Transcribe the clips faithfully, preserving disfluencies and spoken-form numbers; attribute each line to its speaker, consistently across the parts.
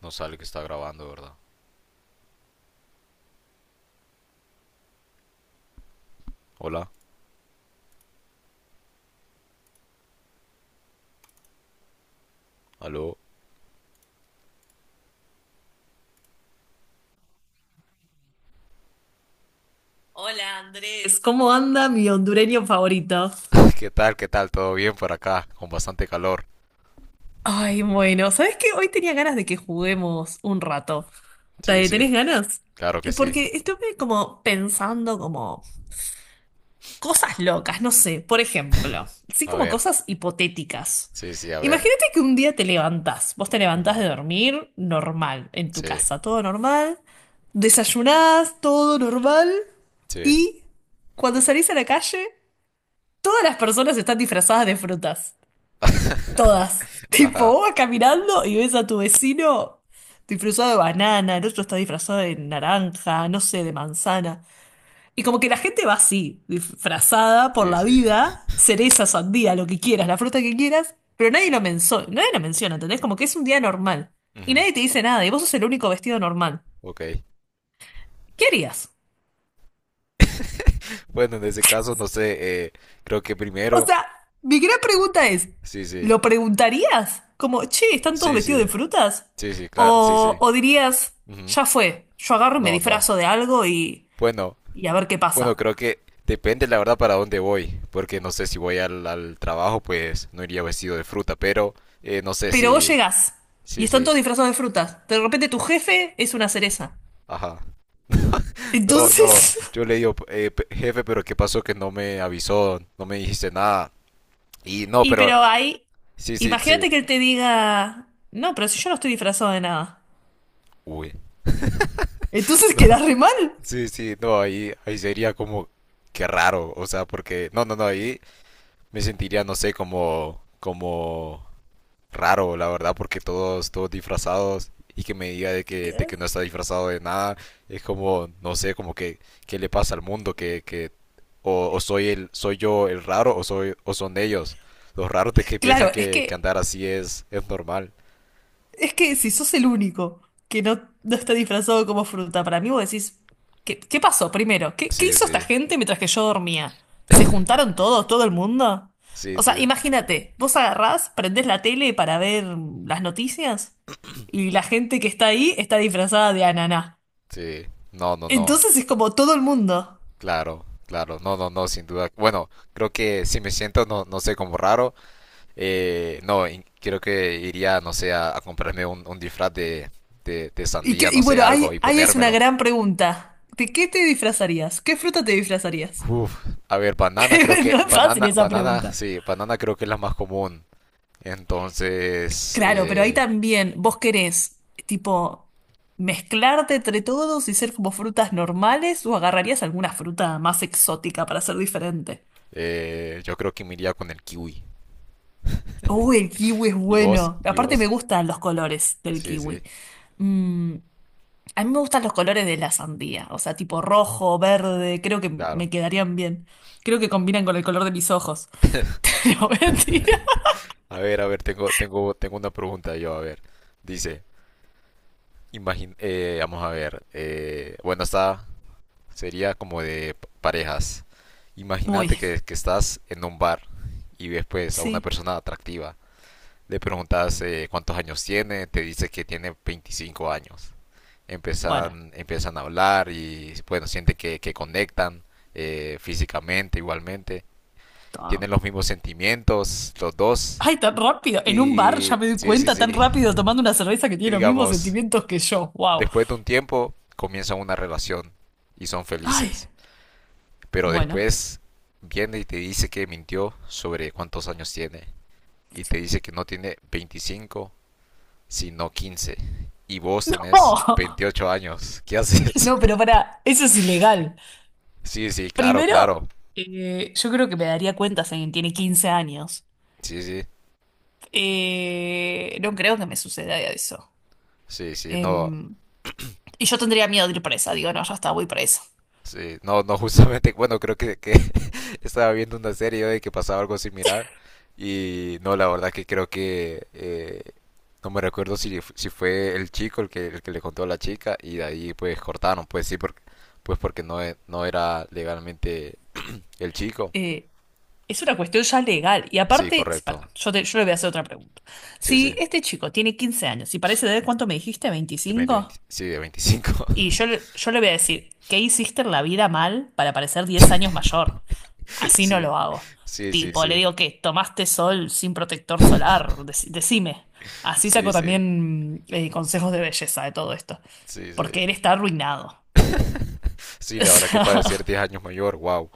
Speaker 1: No sale que está grabando, ¿verdad? Hola, aló.
Speaker 2: Hola Andrés, ¿cómo anda mi hondureño favorito?
Speaker 1: ¿Qué tal? ¿Qué tal? ¿Todo bien por acá? Con bastante calor.
Speaker 2: Ay, bueno, ¿sabes qué? Hoy tenía ganas de que juguemos un rato.
Speaker 1: Sí,
Speaker 2: ¿Te-
Speaker 1: sí,
Speaker 2: ¿Tenés ganas?
Speaker 1: claro que sí.
Speaker 2: Porque estuve como pensando como cosas locas, no sé, por ejemplo, sí
Speaker 1: A
Speaker 2: como
Speaker 1: ver,
Speaker 2: cosas hipotéticas.
Speaker 1: sí, sí, a ver.
Speaker 2: Imagínate que un día te levantás, vos te levantás
Speaker 1: Ujú,
Speaker 2: de dormir normal, en tu
Speaker 1: sí,
Speaker 2: casa, todo normal, desayunás, todo normal,
Speaker 1: sí.
Speaker 2: y cuando salís a la calle, todas las personas están disfrazadas de frutas. Todas. Tipo,
Speaker 1: Ajá,
Speaker 2: vos vas caminando y ves a tu vecino disfrazado de banana, el otro está disfrazado de naranja, no sé, de manzana. Y como que la gente va así, disfrazada por
Speaker 1: sí,
Speaker 2: la
Speaker 1: sí.
Speaker 2: vida, cereza, sandía, lo que quieras, la fruta que quieras, pero nadie lo menso- nadie lo menciona, ¿entendés? Como que es un día normal. Y
Speaker 1: Ujú,
Speaker 2: nadie te dice nada, y vos sos el único vestido normal.
Speaker 1: ok.
Speaker 2: ¿Qué harías?
Speaker 1: Bueno, en ese caso, no sé, eh, creo que
Speaker 2: O
Speaker 1: primero.
Speaker 2: sea, mi gran pregunta es,
Speaker 1: Sí, sí,
Speaker 2: ¿lo preguntarías? Como, che, ¿están todos
Speaker 1: sí, sí,
Speaker 2: vestidos de frutas?
Speaker 1: sí, sí, claro, sí,
Speaker 2: O,
Speaker 1: sí.
Speaker 2: o dirías,
Speaker 1: Ujú,
Speaker 2: ya fue, yo agarro y me
Speaker 1: no, no.
Speaker 2: disfrazo de algo y,
Speaker 1: Bueno.
Speaker 2: y a ver qué
Speaker 1: Bueno,
Speaker 2: pasa.
Speaker 1: creo que depende la verdad para dónde voy, porque no sé si voy al, al trabajo, pues no iría vestido de fruta, pero eh, no sé
Speaker 2: Pero vos
Speaker 1: si,
Speaker 2: llegás y
Speaker 1: sí,
Speaker 2: están
Speaker 1: sí,
Speaker 2: todos disfrazados de frutas. De repente tu jefe es una cereza.
Speaker 1: ajá. No, no,
Speaker 2: Entonces,
Speaker 1: yo le digo, "Eh, pe- jefe, pero ¿qué pasó que no me avisó, no me dijiste nada? Y no,
Speaker 2: y
Speaker 1: pero
Speaker 2: pero ahí,
Speaker 1: sí, sí, sí,
Speaker 2: imagínate que él te diga, no, pero si yo no estoy disfrazado de nada.
Speaker 1: uy,
Speaker 2: Entonces
Speaker 1: no,
Speaker 2: quedás re mal.
Speaker 1: sí, sí, no, ahí, ahí sería como, qué raro, o sea, porque, no, no, no, ahí me sentiría, no sé, como, como raro, la verdad, porque todos, todos disfrazados y que me diga de que, de que no está disfrazado de nada, es como, no sé, como que, ¿qué le pasa al mundo? Que, que, o, o soy el, soy yo el raro, o soy, o son ellos, los raros de que piensan
Speaker 2: Claro, es
Speaker 1: que, que
Speaker 2: que
Speaker 1: andar así es, es normal.
Speaker 2: Es que si sos el único que no, no está disfrazado como fruta, para mí vos decís, ¿qué, qué pasó primero? ¿Qué, qué
Speaker 1: Sí,
Speaker 2: hizo esta
Speaker 1: sí,
Speaker 2: gente mientras que yo dormía? ¿Se juntaron todos, todo el mundo?
Speaker 1: sí,
Speaker 2: O sea,
Speaker 1: sí,
Speaker 2: imagínate, vos agarrás, prendés la tele para ver las noticias y la gente que está ahí está disfrazada de ananá.
Speaker 1: sí. No, no, no,
Speaker 2: Entonces es como todo el mundo.
Speaker 1: claro, claro, no, no, no, sin duda. Bueno, creo que si me siento, no, no sé, como raro. Eh, no, in- creo que iría, no sé, a, a comprarme un, un disfraz de, de, de
Speaker 2: Y,
Speaker 1: sandía,
Speaker 2: qué-
Speaker 1: no
Speaker 2: y
Speaker 1: sé,
Speaker 2: bueno, ahí,
Speaker 1: algo, y
Speaker 2: ahí es una
Speaker 1: ponérmelo.
Speaker 2: gran pregunta. ¿De qué te disfrazarías? ¿Qué fruta te disfrazarías?
Speaker 1: Uf, a ver, banana creo que,
Speaker 2: No es fácil
Speaker 1: banana,
Speaker 2: esa
Speaker 1: banana,
Speaker 2: pregunta.
Speaker 1: sí, banana creo que es la más común. Entonces,
Speaker 2: Claro, pero ahí
Speaker 1: eh,
Speaker 2: también vos querés, tipo, mezclarte entre todos y ser como frutas normales o agarrarías alguna fruta más exótica para ser diferente.
Speaker 1: eh, yo creo que me iría con el kiwi.
Speaker 2: Uy, el kiwi es
Speaker 1: ¿Y vos?
Speaker 2: bueno.
Speaker 1: ¿Y
Speaker 2: Aparte me
Speaker 1: vos?
Speaker 2: gustan los colores del
Speaker 1: Sí, sí,
Speaker 2: kiwi. Mm, a mí me gustan los colores de la sandía, o sea, tipo rojo, verde, creo que me
Speaker 1: claro.
Speaker 2: quedarían bien. Creo que combinan con el color de mis ojos. No, mentira.
Speaker 1: A ver, a ver, tengo, tengo, tengo una pregunta yo, a ver. Dice, imagín eh, vamos a ver, eh, bueno, está, sería como de p- parejas.
Speaker 2: Uy,
Speaker 1: Imagínate que, que estás en un bar y ves pues a una
Speaker 2: sí.
Speaker 1: persona atractiva. Le preguntas eh, cuántos años tiene, te dice que tiene veinticinco años.
Speaker 2: Bueno,
Speaker 1: Empiezan, empiezan a hablar y bueno, sienten que, que conectan eh, físicamente igualmente. Tienen
Speaker 2: todo.
Speaker 1: los mismos sentimientos los dos.
Speaker 2: Ay, tan rápido. En un bar ya
Speaker 1: Y
Speaker 2: me doy
Speaker 1: sí, sí,
Speaker 2: cuenta tan rápido
Speaker 1: sí.
Speaker 2: tomando una cerveza que
Speaker 1: Y
Speaker 2: tiene los mismos
Speaker 1: digamos,
Speaker 2: sentimientos que yo. Wow.
Speaker 1: después de un tiempo comienzan una relación y son
Speaker 2: Ay,
Speaker 1: felices. Pero
Speaker 2: bueno.
Speaker 1: después viene y te dice que mintió sobre cuántos años tiene. Y te dice que no tiene veinticinco, sino quince. Y vos
Speaker 2: No,
Speaker 1: tenés veintiocho años. ¿Qué haces?
Speaker 2: no, pero para, eso es ilegal.
Speaker 1: Sí, sí, claro,
Speaker 2: Primero,
Speaker 1: claro.
Speaker 2: eh, yo creo que me daría cuenta si alguien tiene quince años.
Speaker 1: Sí, sí.
Speaker 2: Eh, no creo que me suceda eso.
Speaker 1: Sí, sí, no.
Speaker 2: Em, y yo tendría miedo de ir presa. Digo, no, ya está, voy presa.
Speaker 1: Sí, no, no, justamente, bueno, creo que, que estaba viendo una serie yo de que pasaba algo similar y no, la verdad que creo que eh, no me recuerdo si, f- si fue el chico el que, el que le contó a la chica y de ahí pues cortaron, pues sí, porque, pues porque no, e- no era legalmente el chico.
Speaker 2: Eh, es una cuestión ya legal. Y
Speaker 1: Sí,
Speaker 2: aparte, perdón,
Speaker 1: correcto.
Speaker 2: yo, te- yo le voy a hacer otra pregunta.
Speaker 1: Sí, sí.
Speaker 2: Si este chico tiene quince años y parece de, ¿cuánto me dijiste?
Speaker 1: De veinte,
Speaker 2: Veinticinco.
Speaker 1: veinte sí, de veinticinco.
Speaker 2: Y yo, le- yo le voy a decir, ¿qué hiciste en la vida mal para parecer diez años mayor? Así no
Speaker 1: Sí,
Speaker 2: lo hago.
Speaker 1: sí, sí,
Speaker 2: Tipo, le
Speaker 1: sí.
Speaker 2: digo que tomaste sol sin protector solar, Dec- decime. Así
Speaker 1: Sí,
Speaker 2: saco
Speaker 1: sí,
Speaker 2: también eh, consejos de belleza de todo esto,
Speaker 1: sí, sí.
Speaker 2: porque él está arruinado.
Speaker 1: sí, la verdad que parecer diez años mayor, wow.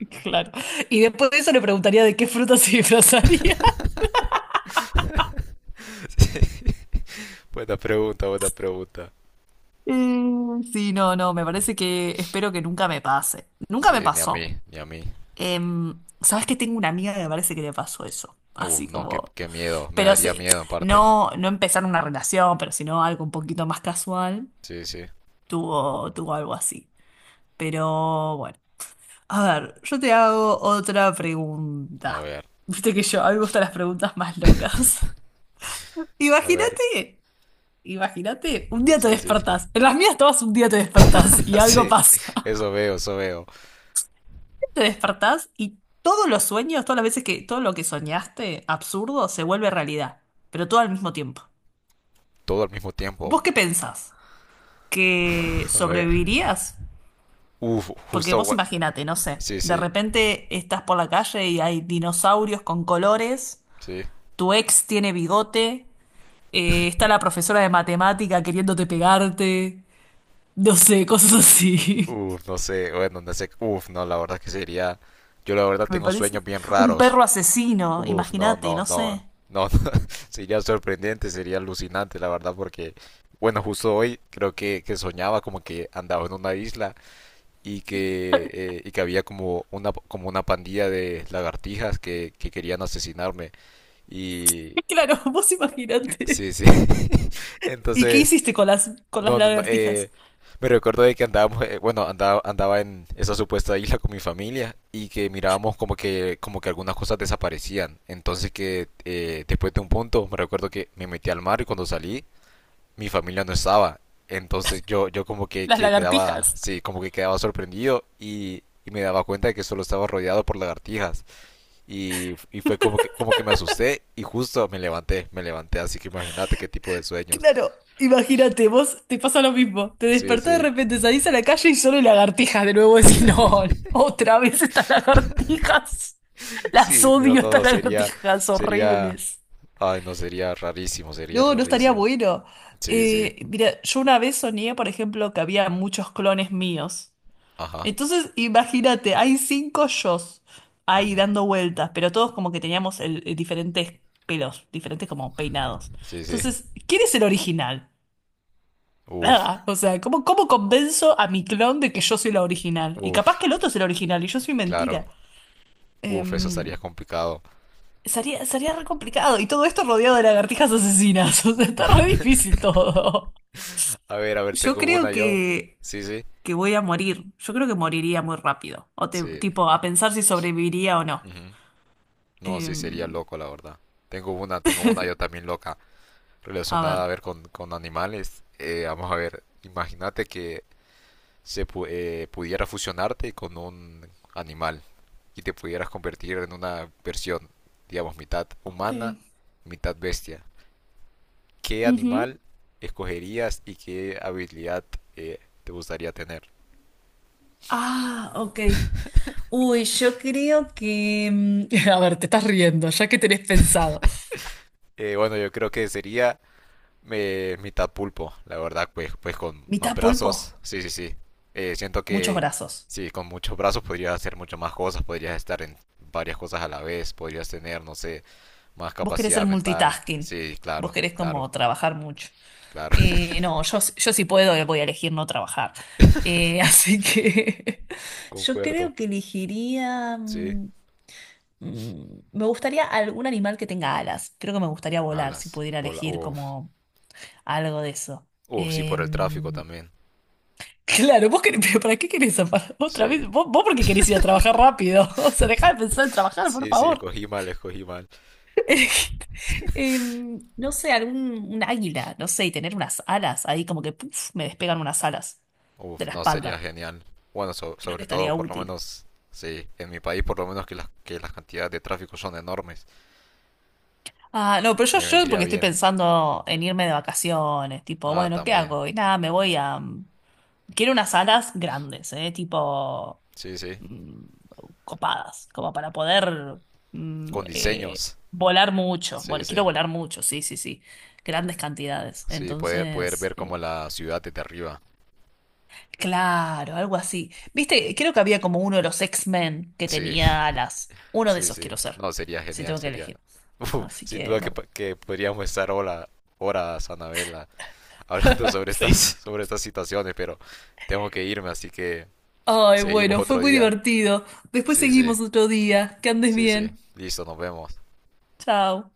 Speaker 2: O sea, claro. Y después de eso le preguntaría de qué fruta se disfrazaría.
Speaker 1: Sí. Buena pregunta, buena pregunta.
Speaker 2: Mm, sí, no, no, me parece que espero que nunca me pase. Nunca me
Speaker 1: Sí, ni a
Speaker 2: pasó.
Speaker 1: mí, ni a mí.
Speaker 2: Em, ¿sabes que tengo una amiga que me parece que le pasó eso?
Speaker 1: Uf,
Speaker 2: Así
Speaker 1: no, qué,
Speaker 2: como,
Speaker 1: qué miedo, me
Speaker 2: pero
Speaker 1: daría
Speaker 2: sí,
Speaker 1: miedo en parte.
Speaker 2: no, no empezar una relación, pero sino algo un poquito más casual,
Speaker 1: Sí, sí.
Speaker 2: tuvo, tuvo algo así. Pero bueno, a ver, yo te hago otra
Speaker 1: A
Speaker 2: pregunta.
Speaker 1: ver,
Speaker 2: Viste que yo, a mí me gustan las preguntas más locas.
Speaker 1: a ver.
Speaker 2: Imagínate, imagínate, un día te
Speaker 1: Sí, sí.
Speaker 2: despertás, en las mías todas un día te despertás y algo
Speaker 1: Sí,
Speaker 2: pasa.
Speaker 1: eso veo, eso veo.
Speaker 2: Te despertás y todos los sueños, todas las veces que todo lo que soñaste, absurdo, se vuelve realidad, pero todo al mismo tiempo.
Speaker 1: Todo al mismo tiempo.
Speaker 2: ¿Vos qué pensás? ¿Que
Speaker 1: A ver.
Speaker 2: sobrevivirías?
Speaker 1: Uf,
Speaker 2: Porque
Speaker 1: justo.
Speaker 2: vos
Speaker 1: Gua-
Speaker 2: imagínate, no sé,
Speaker 1: Sí,
Speaker 2: de
Speaker 1: sí,
Speaker 2: repente estás por la calle y hay dinosaurios con colores,
Speaker 1: sí.
Speaker 2: tu ex tiene bigote, eh, está la profesora de matemática queriéndote pegarte, no sé, cosas así.
Speaker 1: Uf, no sé, bueno, no sé. Uf, no, la verdad que sería. Yo la verdad
Speaker 2: Me
Speaker 1: tengo
Speaker 2: parece.
Speaker 1: sueños bien
Speaker 2: Un
Speaker 1: raros.
Speaker 2: perro asesino,
Speaker 1: Uf, no,
Speaker 2: imagínate,
Speaker 1: no,
Speaker 2: no sé.
Speaker 1: no, no, sería sorprendente, sería alucinante, la verdad, porque, bueno, justo hoy creo que, que soñaba como que andaba en una isla y que, eh, y que había como una, como una pandilla de lagartijas que, que querían asesinarme y...
Speaker 2: Claro, vos imagínate.
Speaker 1: Sí, sí.
Speaker 2: ¿Y qué
Speaker 1: Entonces,
Speaker 2: hiciste con las, con las
Speaker 1: no, no, no, eh,
Speaker 2: lagartijas?
Speaker 1: me recuerdo de que andábamos, eh, bueno, andaba, andaba en esa supuesta isla con mi familia y que mirábamos como que, como que algunas cosas desaparecían. Entonces que eh, después de un punto, me recuerdo que me metí al mar y cuando salí, mi familia no estaba. Entonces yo, yo como que,
Speaker 2: Las
Speaker 1: que quedaba,
Speaker 2: lagartijas.
Speaker 1: sí, como que quedaba sorprendido y, y me daba cuenta de que solo estaba rodeado por lagartijas. Y, y fue como que, como que me asusté y justo me levanté, me levanté, así que imagínate qué tipo de sueños.
Speaker 2: Claro, imagínate, vos te pasa lo mismo. Te
Speaker 1: Sí,
Speaker 2: despertás de
Speaker 1: sí.
Speaker 2: repente, salís a la calle y solo hay lagartijas. De nuevo decís, no, otra vez estas lagartijas. Las
Speaker 1: Sí, no,
Speaker 2: odio,
Speaker 1: no,
Speaker 2: estas
Speaker 1: no, sería,
Speaker 2: lagartijas
Speaker 1: sería,
Speaker 2: horribles.
Speaker 1: ay, no, sería rarísimo, sería
Speaker 2: No, no estaría
Speaker 1: rarísimo.
Speaker 2: bueno.
Speaker 1: Sí, sí,
Speaker 2: Eh, mira, yo una vez soñé, por ejemplo, que había muchos clones míos.
Speaker 1: ajá,
Speaker 2: Entonces, imagínate, hay cinco yos
Speaker 1: ujú,
Speaker 2: ahí dando vueltas, pero todos como que teníamos el, el diferentes pelos, diferentes como peinados.
Speaker 1: sí, sí,
Speaker 2: Entonces, ¿quién es el original?
Speaker 1: uf,
Speaker 2: Nada. O sea, ¿cómo, cómo convenzo a mi clon de que yo soy la original? Y capaz
Speaker 1: uf,
Speaker 2: que el otro es el original y yo soy
Speaker 1: claro,
Speaker 2: mentira.
Speaker 1: uf, eso estaría
Speaker 2: Em,
Speaker 1: complicado.
Speaker 2: sería, sería re complicado. Y todo esto rodeado de lagartijas asesinas. O sea, está re difícil todo.
Speaker 1: A ver, a ver,
Speaker 2: Yo
Speaker 1: tengo
Speaker 2: creo
Speaker 1: una yo.
Speaker 2: que,
Speaker 1: Sí, sí,
Speaker 2: que voy a morir. Yo creo que moriría muy rápido. O te-
Speaker 1: sí,
Speaker 2: tipo, a pensar si sobreviviría o no.
Speaker 1: ujú. No, sí, sería
Speaker 2: Em,
Speaker 1: loco, la verdad. Tengo una, tengo una yo también loca,
Speaker 2: a
Speaker 1: relacionada,
Speaker 2: ver.
Speaker 1: a ver, con, con animales. Eh, vamos a ver, imagínate que se pu- eh, pudiera fusionarte con un animal. Y te pudieras convertir en una versión, digamos, mitad
Speaker 2: Ok.
Speaker 1: humana, mitad bestia, ¿qué
Speaker 2: Ujú.
Speaker 1: animal escogerías y qué habilidad eh, te gustaría tener?
Speaker 2: Ah, ok. Uy, yo creo que... mm, a ver, te estás riendo, ya que tenés pensado.
Speaker 1: Eh, bueno, yo creo que sería eh, mitad pulpo, la verdad, pues, pues con más
Speaker 2: Mitad pulpo,
Speaker 1: brazos, sí, sí, sí. Eh, siento
Speaker 2: muchos
Speaker 1: que
Speaker 2: brazos.
Speaker 1: sí, con muchos brazos podrías hacer muchas más cosas, podrías estar en varias cosas a la vez, podrías tener, no sé, más
Speaker 2: Vos querés ser
Speaker 1: capacidad mental.
Speaker 2: multitasking.
Speaker 1: Sí,
Speaker 2: Vos
Speaker 1: claro,
Speaker 2: querés
Speaker 1: claro,
Speaker 2: como trabajar mucho.
Speaker 1: claro.
Speaker 2: Eh, no, yo, yo sí puedo, eh, voy a elegir no trabajar. Eh, así que yo
Speaker 1: Concuerdo,
Speaker 2: creo que elegiría...
Speaker 1: sí.
Speaker 2: mm, mm, me gustaría algún animal que tenga alas. Creo que me gustaría volar si
Speaker 1: Alas.
Speaker 2: pudiera
Speaker 1: Bola,
Speaker 2: elegir
Speaker 1: uf.
Speaker 2: como algo de eso.
Speaker 1: Uf, sí, por el tráfico
Speaker 2: Em,
Speaker 1: también.
Speaker 2: claro, vos querés- pero ¿para qué querés zafar otra
Speaker 1: Sí.
Speaker 2: vez? Vos, vos porque querés ir a trabajar rápido. O sea, dejá de pensar en trabajar, por
Speaker 1: Sí, sí,
Speaker 2: favor.
Speaker 1: escogí mal, escogí mal.
Speaker 2: Em, no sé, algún un águila, no sé, y tener unas alas ahí como que puf, me despegan unas alas de
Speaker 1: Uf,
Speaker 2: la
Speaker 1: no, sería
Speaker 2: espalda.
Speaker 1: genial. Bueno, so-
Speaker 2: Creo que
Speaker 1: sobre todo,
Speaker 2: estaría
Speaker 1: por lo
Speaker 2: útil.
Speaker 1: menos, sí, en mi país, por lo menos que las, que las cantidades de tráfico son enormes.
Speaker 2: Ah, no, pero yo,
Speaker 1: Me
Speaker 2: yo
Speaker 1: vendría
Speaker 2: porque estoy
Speaker 1: bien.
Speaker 2: pensando en irme de vacaciones, tipo,
Speaker 1: Ah,
Speaker 2: bueno, ¿qué
Speaker 1: también.
Speaker 2: hago? Y nada, me voy a, quiero unas alas grandes, ¿eh? Tipo
Speaker 1: Sí, sí.
Speaker 2: mm, copadas, como para poder mm,
Speaker 1: Con
Speaker 2: eh,
Speaker 1: diseños.
Speaker 2: volar mucho.
Speaker 1: Sí,
Speaker 2: Vol-
Speaker 1: sí.
Speaker 2: quiero volar mucho, sí, sí, sí. Grandes cantidades.
Speaker 1: Sí, poder, poder
Speaker 2: Entonces,
Speaker 1: ver como
Speaker 2: eh,
Speaker 1: la ciudad desde arriba.
Speaker 2: claro, algo así. Viste, creo que había como uno de los X-Men que
Speaker 1: Sí.
Speaker 2: tenía alas. Uno de
Speaker 1: Sí,
Speaker 2: esos
Speaker 1: sí.
Speaker 2: quiero ser,
Speaker 1: No, sería
Speaker 2: si
Speaker 1: genial,
Speaker 2: tengo que
Speaker 1: sería.
Speaker 2: elegir. Así
Speaker 1: sin
Speaker 2: que,
Speaker 1: duda que,
Speaker 2: me-
Speaker 1: pa- que podríamos estar hola, horas, Anabela, hablando sobre estas,
Speaker 2: sí.
Speaker 1: sobre estas situaciones, pero tengo que irme, así que
Speaker 2: Ay,
Speaker 1: seguimos
Speaker 2: bueno, fue
Speaker 1: otro
Speaker 2: muy
Speaker 1: día.
Speaker 2: divertido. Después
Speaker 1: Sí, sí,
Speaker 2: seguimos otro día. Que andes
Speaker 1: sí, sí.
Speaker 2: bien.
Speaker 1: Listo, nos vemos.
Speaker 2: Chao.